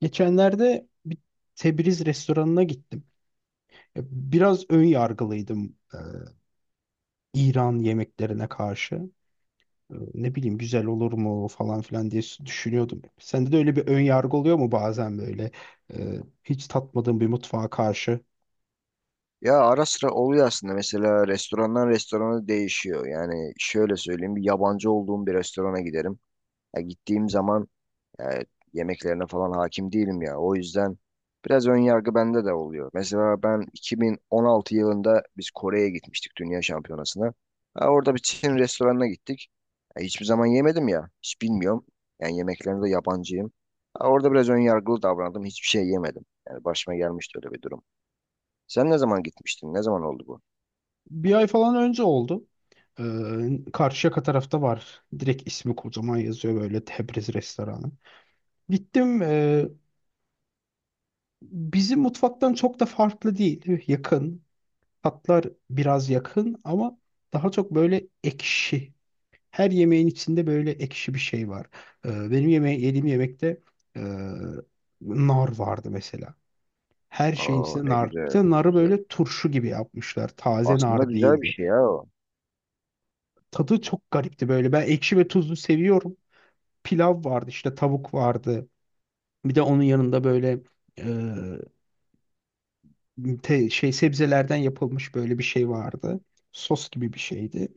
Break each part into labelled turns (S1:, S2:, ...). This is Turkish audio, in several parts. S1: Geçenlerde bir Tebriz restoranına gittim. Ya, biraz ön yargılıydım, İran yemeklerine karşı. Ne bileyim güzel olur mu falan filan diye düşünüyordum. Sende de öyle bir ön yargı oluyor mu bazen böyle, hiç tatmadığın bir mutfağa karşı?
S2: Ya ara sıra oluyor aslında, mesela restorandan restorana değişiyor. Yani şöyle söyleyeyim, bir yabancı olduğum bir restorana giderim. Ya gittiğim zaman e, yemeklerine falan hakim değilim ya. O yüzden biraz ön yargı bende de oluyor. Mesela ben 2016 yılında biz Kore'ye gitmiştik Dünya Şampiyonası'na. Ha, orada bir Çin restoranına gittik. Ya hiçbir zaman yemedim ya. Hiç bilmiyorum. Yani yemeklerine de yabancıyım. Ha, orada biraz ön yargılı davrandım. Hiçbir şey yemedim. Yani başıma gelmişti öyle bir durum. Sen ne zaman gitmiştin? Ne zaman oldu bu?
S1: Bir ay falan önce oldu. Karşıyaka tarafta var. Direkt ismi kocaman yazıyor böyle, Tebriz restoranı. Gittim, bizim mutfaktan çok da farklı değil. Yakın. Tatlar biraz yakın ama daha çok böyle ekşi. Her yemeğin içinde böyle ekşi bir şey var. Benim yediğim yemekte, e, nar vardı mesela. Her şeyin
S2: Aa,
S1: içinde
S2: ne
S1: nar. Bir
S2: güzel,
S1: de
S2: ne
S1: narı
S2: güzel.
S1: böyle turşu gibi yapmışlar. Taze
S2: Aslında
S1: nar
S2: güzel bir
S1: değildi.
S2: şey ya o.
S1: Tadı çok garipti böyle. Ben ekşi ve tuzlu seviyorum. Pilav vardı işte, tavuk vardı. Bir de onun yanında böyle, e, sebzelerden yapılmış böyle bir şey vardı. Sos gibi bir şeydi.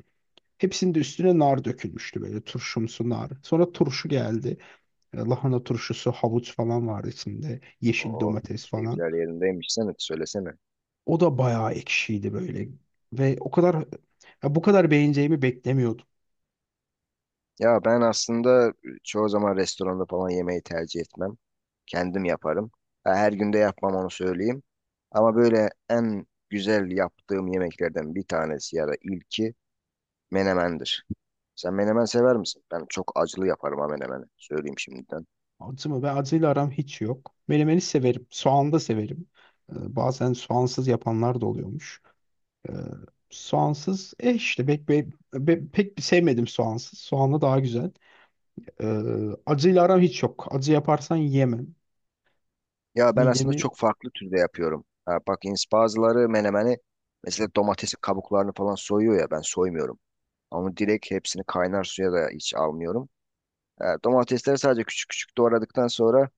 S1: Hepsinin de üstüne nar dökülmüştü, böyle turşumsu nar. Sonra turşu geldi. Lahana turşusu, havuç falan vardı içinde. Yeşil
S2: Oh,
S1: domates falan.
S2: keyifler yerindeymiş. Sen et söylesene.
S1: O da bayağı ekşiydi böyle. Ve o kadar ya bu kadar beğeneceğimi beklemiyordum.
S2: Ya ben aslında çoğu zaman restoranda falan yemeği tercih etmem. Kendim yaparım. Ha, her günde yapmam, onu söyleyeyim. Ama böyle en güzel yaptığım yemeklerden bir tanesi ya da ilki menemendir. Sen menemen sever misin? Ben çok acılı yaparım ha menemeni. Söyleyeyim şimdiden.
S1: Acı mı? Ve acıyla aram hiç yok. Menemeni severim. Soğan da severim. Bazen soğansız yapanlar da oluyormuş. E, Soğansız, işte pek, pek sevmedim soğansız. Soğanlı daha güzel. E, Acıyla aram hiç yok. Acı yaparsan yemem.
S2: Ya ben aslında
S1: Midemi.
S2: çok farklı türde yapıyorum. Ha, bak bazıları menemeni mesela domatesi, kabuklarını falan soyuyor ya, ben soymuyorum. Ama direkt hepsini kaynar suya da hiç almıyorum. Ha, domatesleri sadece küçük küçük doğradıktan sonra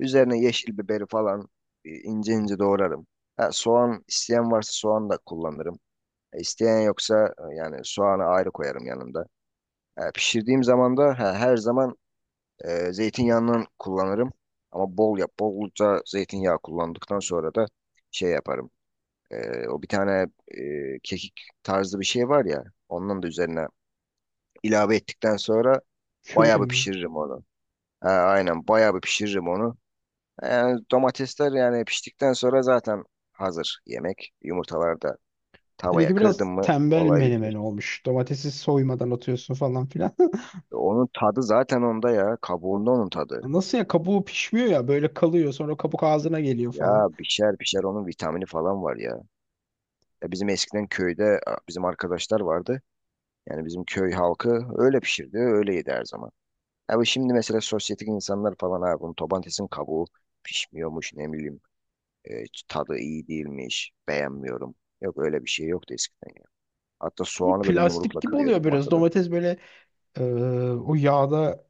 S2: üzerine yeşil biberi falan ince ince doğrarım. Ha, soğan isteyen varsa soğan da kullanırım. İsteyen yoksa yani soğanı ayrı koyarım yanında. Ha, pişirdiğim zaman da ha, her zaman zeytinyağından kullanırım. Ama bolca zeytinyağı kullandıktan sonra da şey yaparım. E, o bir tane kekik tarzı bir şey var ya. Ondan da üzerine ilave ettikten sonra
S1: Köri
S2: bayağı bir
S1: mi?
S2: pişiririm onu. Ha, aynen bayağı bir pişiririm onu. Yani domatesler yani piştikten sonra zaten hazır yemek. Yumurtalar da tavaya
S1: Seninki
S2: kırdım
S1: biraz
S2: mı
S1: tembel
S2: olay
S1: menemen
S2: bitmiş.
S1: olmuş. Domatesi soymadan atıyorsun falan filan.
S2: E, onun tadı zaten onda ya. Kabuğunda onun tadı.
S1: Nasıl ya, kabuğu pişmiyor, ya böyle kalıyor sonra kabuk ağzına geliyor
S2: Ya
S1: falan.
S2: pişer pişer, onun vitamini falan var ya. Ya bizim eskiden köyde a, bizim arkadaşlar vardı. Yani bizim köy halkı öyle pişirdi, öyle yedi her zaman. Abi şimdi mesela sosyetik insanlar falan, abi bunun tobantesin kabuğu pişmiyormuş, ne bileyim, e, tadı iyi değilmiş, beğenmiyorum. Yok öyle bir şey yoktu eskiden ya. Hatta
S1: Bu
S2: soğanı böyle
S1: plastik
S2: yumrukla
S1: gibi oluyor
S2: kırıyorduk
S1: biraz.
S2: masada.
S1: Domates böyle, Ee, o yağda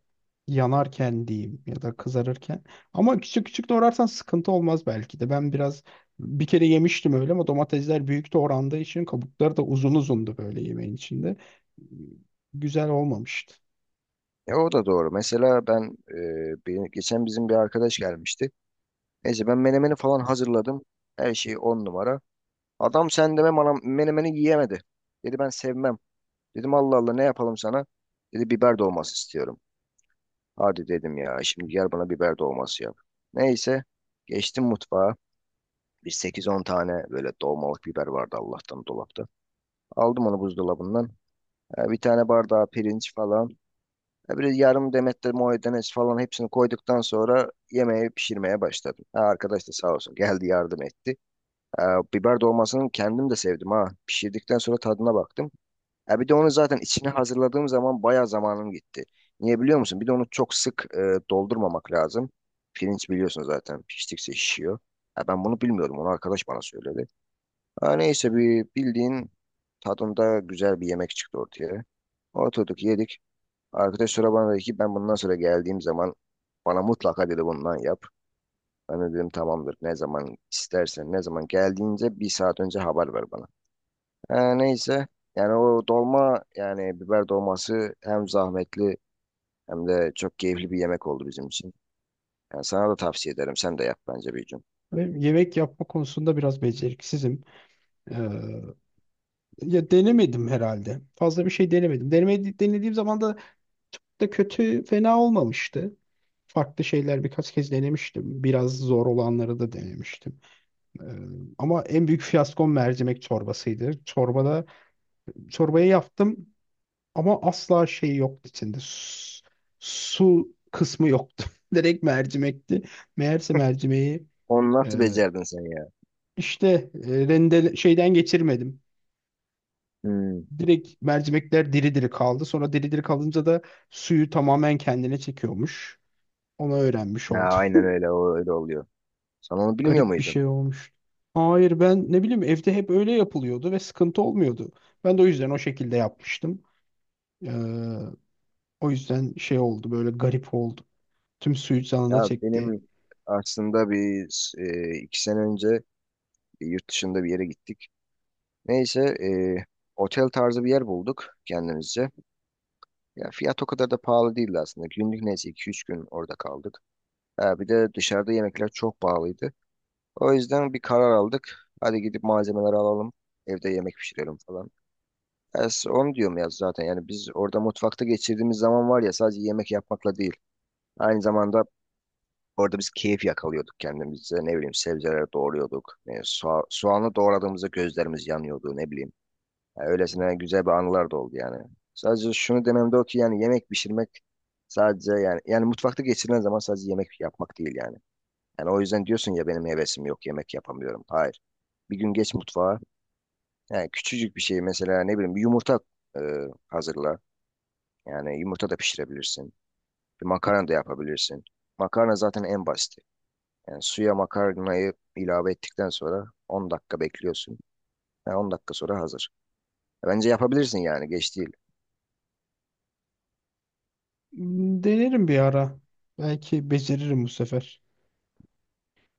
S1: yanarken diyeyim ya da kızarırken. Ama küçük küçük doğrarsan sıkıntı olmaz belki de. Ben biraz bir kere yemiştim öyle, ama domatesler büyük doğrandığı için kabukları da uzun uzundu böyle yemeğin içinde. Güzel olmamıştı.
S2: Ya o da doğru. Mesela ben geçen bizim bir arkadaş gelmişti. Neyse, ben menemeni falan hazırladım. Her şey on numara. Adam sen deme, bana menemeni yiyemedi. Dedi ben sevmem. Dedim Allah Allah, ne yapalım sana? Dedi biber dolması istiyorum. Hadi dedim ya, şimdi gel bana biber dolması yap. Neyse, geçtim mutfağa. Bir sekiz on tane böyle dolmalık biber vardı Allah'tan dolapta. Aldım onu buzdolabından. E, bir tane bardağı pirinç falan. E, bir yarım demet de maydanoz falan, hepsini koyduktan sonra yemeği pişirmeye başladım. Ha, arkadaş da sağ olsun geldi yardım etti. E, Biber dolmasını kendim de sevdim ha. Pişirdikten sonra tadına baktım. Ya bir de onu zaten içine hazırladığım zaman bayağı zamanım gitti. Niye biliyor musun? Bir de onu çok sık doldurmamak lazım. Pirinç biliyorsun zaten piştikçe şişiyor. Ya ben bunu bilmiyordum. Onu arkadaş bana söyledi. Ha neyse, bir bildiğin tadında güzel bir yemek çıktı ortaya. Oturduk yedik. Arkadaş sonra bana dedi ki ben bundan sonra geldiğim zaman bana mutlaka dedi bundan yap. Ben de dedim tamamdır. Ne zaman istersen, ne zaman geldiğince bir saat önce haber ver bana. Ha, neyse. Yani o dolma, yani biber dolması hem zahmetli hem de çok keyifli bir yemek oldu bizim için. Yani sana da tavsiye ederim. Sen de yap bence bir gün.
S1: Ve yemek yapma konusunda biraz beceriksizim. Ee, Ya denemedim herhalde. Fazla bir şey denemedim. Denediğim zaman da çok da kötü, fena olmamıştı. Farklı şeyler birkaç kez denemiştim. Biraz zor olanları da denemiştim. Ee, Ama en büyük fiyaskom mercimek çorbasıydı. Çorbayı yaptım ama asla şey yoktu içinde. Su kısmı yoktu. Direkt mercimekti. Meğerse mercimeği,
S2: Onu
S1: e,
S2: nasıl becerdin sen ya?
S1: işte, şeyden geçirmedim.
S2: Hmm.
S1: Direkt mercimekler diri diri kaldı. Sonra diri diri kalınca da suyu tamamen kendine çekiyormuş. Onu öğrenmiş
S2: Ya
S1: oldum.
S2: aynen öyle, o öyle oluyor. Sen onu bilmiyor
S1: Garip bir
S2: muydun?
S1: şey olmuş. Hayır, ben ne bileyim, evde hep öyle yapılıyordu ve sıkıntı olmuyordu. Ben de o yüzden o şekilde yapmıştım. Ee, O yüzden şey oldu, böyle garip oldu. Tüm suyu canına
S2: Ya
S1: çekti.
S2: benim aslında bir iki sene önce bir yurt dışında bir yere gittik. Neyse, e, otel tarzı bir yer bulduk kendimizce. Ya fiyat o kadar da pahalı değildi aslında. Günlük neyse, iki üç gün orada kaldık. Ha, bir de dışarıda yemekler çok pahalıydı. O yüzden bir karar aldık. Hadi gidip malzemeleri alalım. Evde yemek pişirelim falan. Onu diyorum ya zaten. Yani biz orada mutfakta geçirdiğimiz zaman var ya, sadece yemek yapmakla değil. Aynı zamanda orada biz keyif yakalıyorduk kendimize. Ne bileyim, sebzeleri doğruyorduk. E, soğanı doğradığımızda gözlerimiz yanıyordu, ne bileyim. Ya, öylesine güzel bir anılar da oldu yani. Sadece şunu demem de o ki yani yemek pişirmek sadece yani mutfakta geçirilen zaman sadece yemek yapmak değil yani. Yani o yüzden diyorsun ya benim hevesim yok, yemek yapamıyorum. Hayır. Bir gün geç mutfağa. Yani küçücük bir şey, mesela ne bileyim bir yumurta e, hazırla. Yani yumurta da pişirebilirsin. Bir makarna da yapabilirsin. Makarna zaten en basiti. Yani suya makarnayı ilave ettikten sonra 10 dakika bekliyorsun. Yani 10 dakika sonra hazır. E, bence yapabilirsin, yani geç değil.
S1: Denerim bir ara. Belki beceririm bu sefer.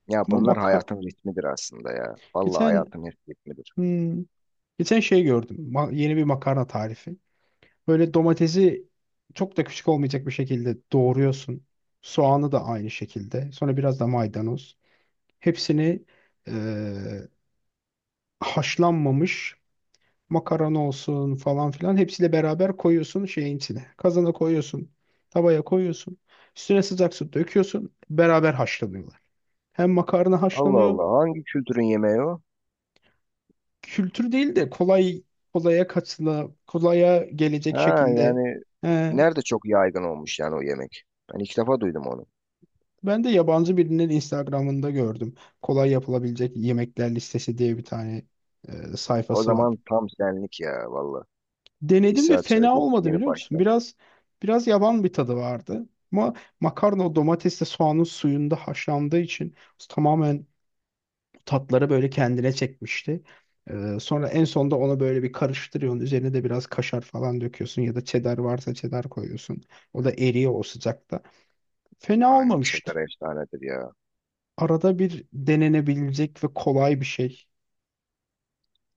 S2: Ya
S1: Ama
S2: bunlar hayatın ritmidir aslında ya. Vallahi
S1: geçen
S2: hayatın ritmidir.
S1: hmm, geçen şey gördüm. Yeni bir makarna tarifi. Böyle domatesi çok da küçük olmayacak bir şekilde doğruyorsun. Soğanı da aynı şekilde. Sonra biraz da maydanoz. Hepsini, e, haşlanmamış makarna olsun falan filan, hepsiyle beraber koyuyorsun şeyin içine. Kazana koyuyorsun, tavaya koyuyorsun. Üstüne sıcak su döküyorsun. Beraber haşlanıyorlar. Hem makarna
S2: Allah
S1: haşlanıyor.
S2: Allah, hangi kültürün yemeği o?
S1: Kültür değil de, kolay kolaya kaçla kolaya gelecek
S2: Ha
S1: şekilde.
S2: yani
S1: He,
S2: nerede çok yaygın olmuş yani o yemek? Ben ilk defa duydum onu.
S1: ben de yabancı birinin Instagram'ında gördüm. Kolay yapılabilecek yemekler listesi diye bir tane
S2: O
S1: sayfası var.
S2: zaman tam senlik ya valla. Bir
S1: Denedim ve
S2: saat sonra
S1: fena
S2: geç,
S1: olmadı,
S2: yeni
S1: biliyor musun?
S2: başla.
S1: Biraz yaban bir tadı vardı. Ama makarna o domatesle soğanın suyunda haşlandığı için tamamen tatları böyle kendine çekmişti. Sonra en sonda ona böyle bir karıştırıyorsun. Üzerine de biraz kaşar falan döküyorsun, ya da cheddar varsa cheddar koyuyorsun. O da eriyor o sıcakta. Fena
S2: Aynen
S1: olmamıştı.
S2: çeter efsanedir ya.
S1: Arada bir denenebilecek ve kolay bir şey.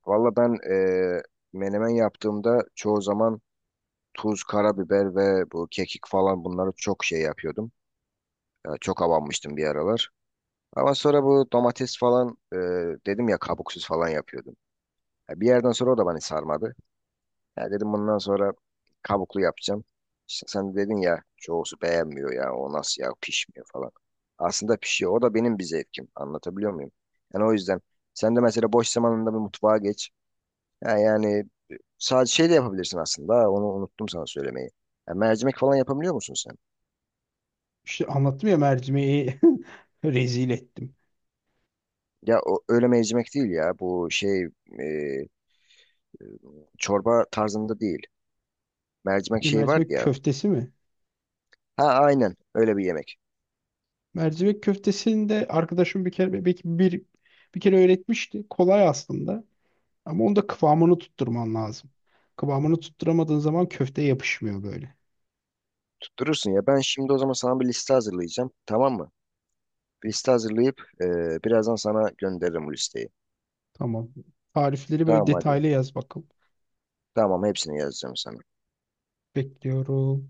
S2: Valla ben menemen yaptığımda çoğu zaman tuz, karabiber ve bu kekik falan, bunları çok şey yapıyordum. Ya çok avanmıştım bir aralar. Ama sonra bu domates falan, dedim ya kabuksuz falan yapıyordum. Ya bir yerden sonra o da beni sarmadı. Ya dedim bundan sonra kabuklu yapacağım. İşte sen dedin ya çoğusu beğenmiyor ya, o nasıl ya, pişmiyor falan. Aslında pişiyor. O da benim bir zevkim. Anlatabiliyor muyum? Yani o yüzden sen de mesela boş zamanında bir mutfağa geç. Ha, yani sadece şey de yapabilirsin aslında. Ha, onu unuttum sana söylemeyi. Ya mercimek falan yapabiliyor musun sen?
S1: İşte anlattım ya, mercimeği rezil ettim.
S2: Ya o, öyle mercimek değil ya. Bu şey e, çorba tarzında değil. Mercimek
S1: Ne,
S2: şey vardı
S1: mercimek
S2: ya.
S1: köftesi mi?
S2: Ha aynen öyle bir yemek.
S1: Mercivek köftesini de arkadaşım bir kere, belki bir kere öğretmişti. Kolay aslında. Ama onda kıvamını tutturman lazım. Kıvamını tutturamadığın zaman köfte yapışmıyor böyle.
S2: Tutturursun ya. Ben şimdi o zaman sana bir liste hazırlayacağım. Tamam mı? Bir liste hazırlayıp birazdan sana gönderirim bu listeyi.
S1: Tamam. Tarifleri böyle
S2: Tamam hadi.
S1: detaylı yaz bakalım.
S2: Tamam hepsini yazacağım sana.
S1: Bekliyorum.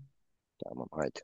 S2: Tamam haydi.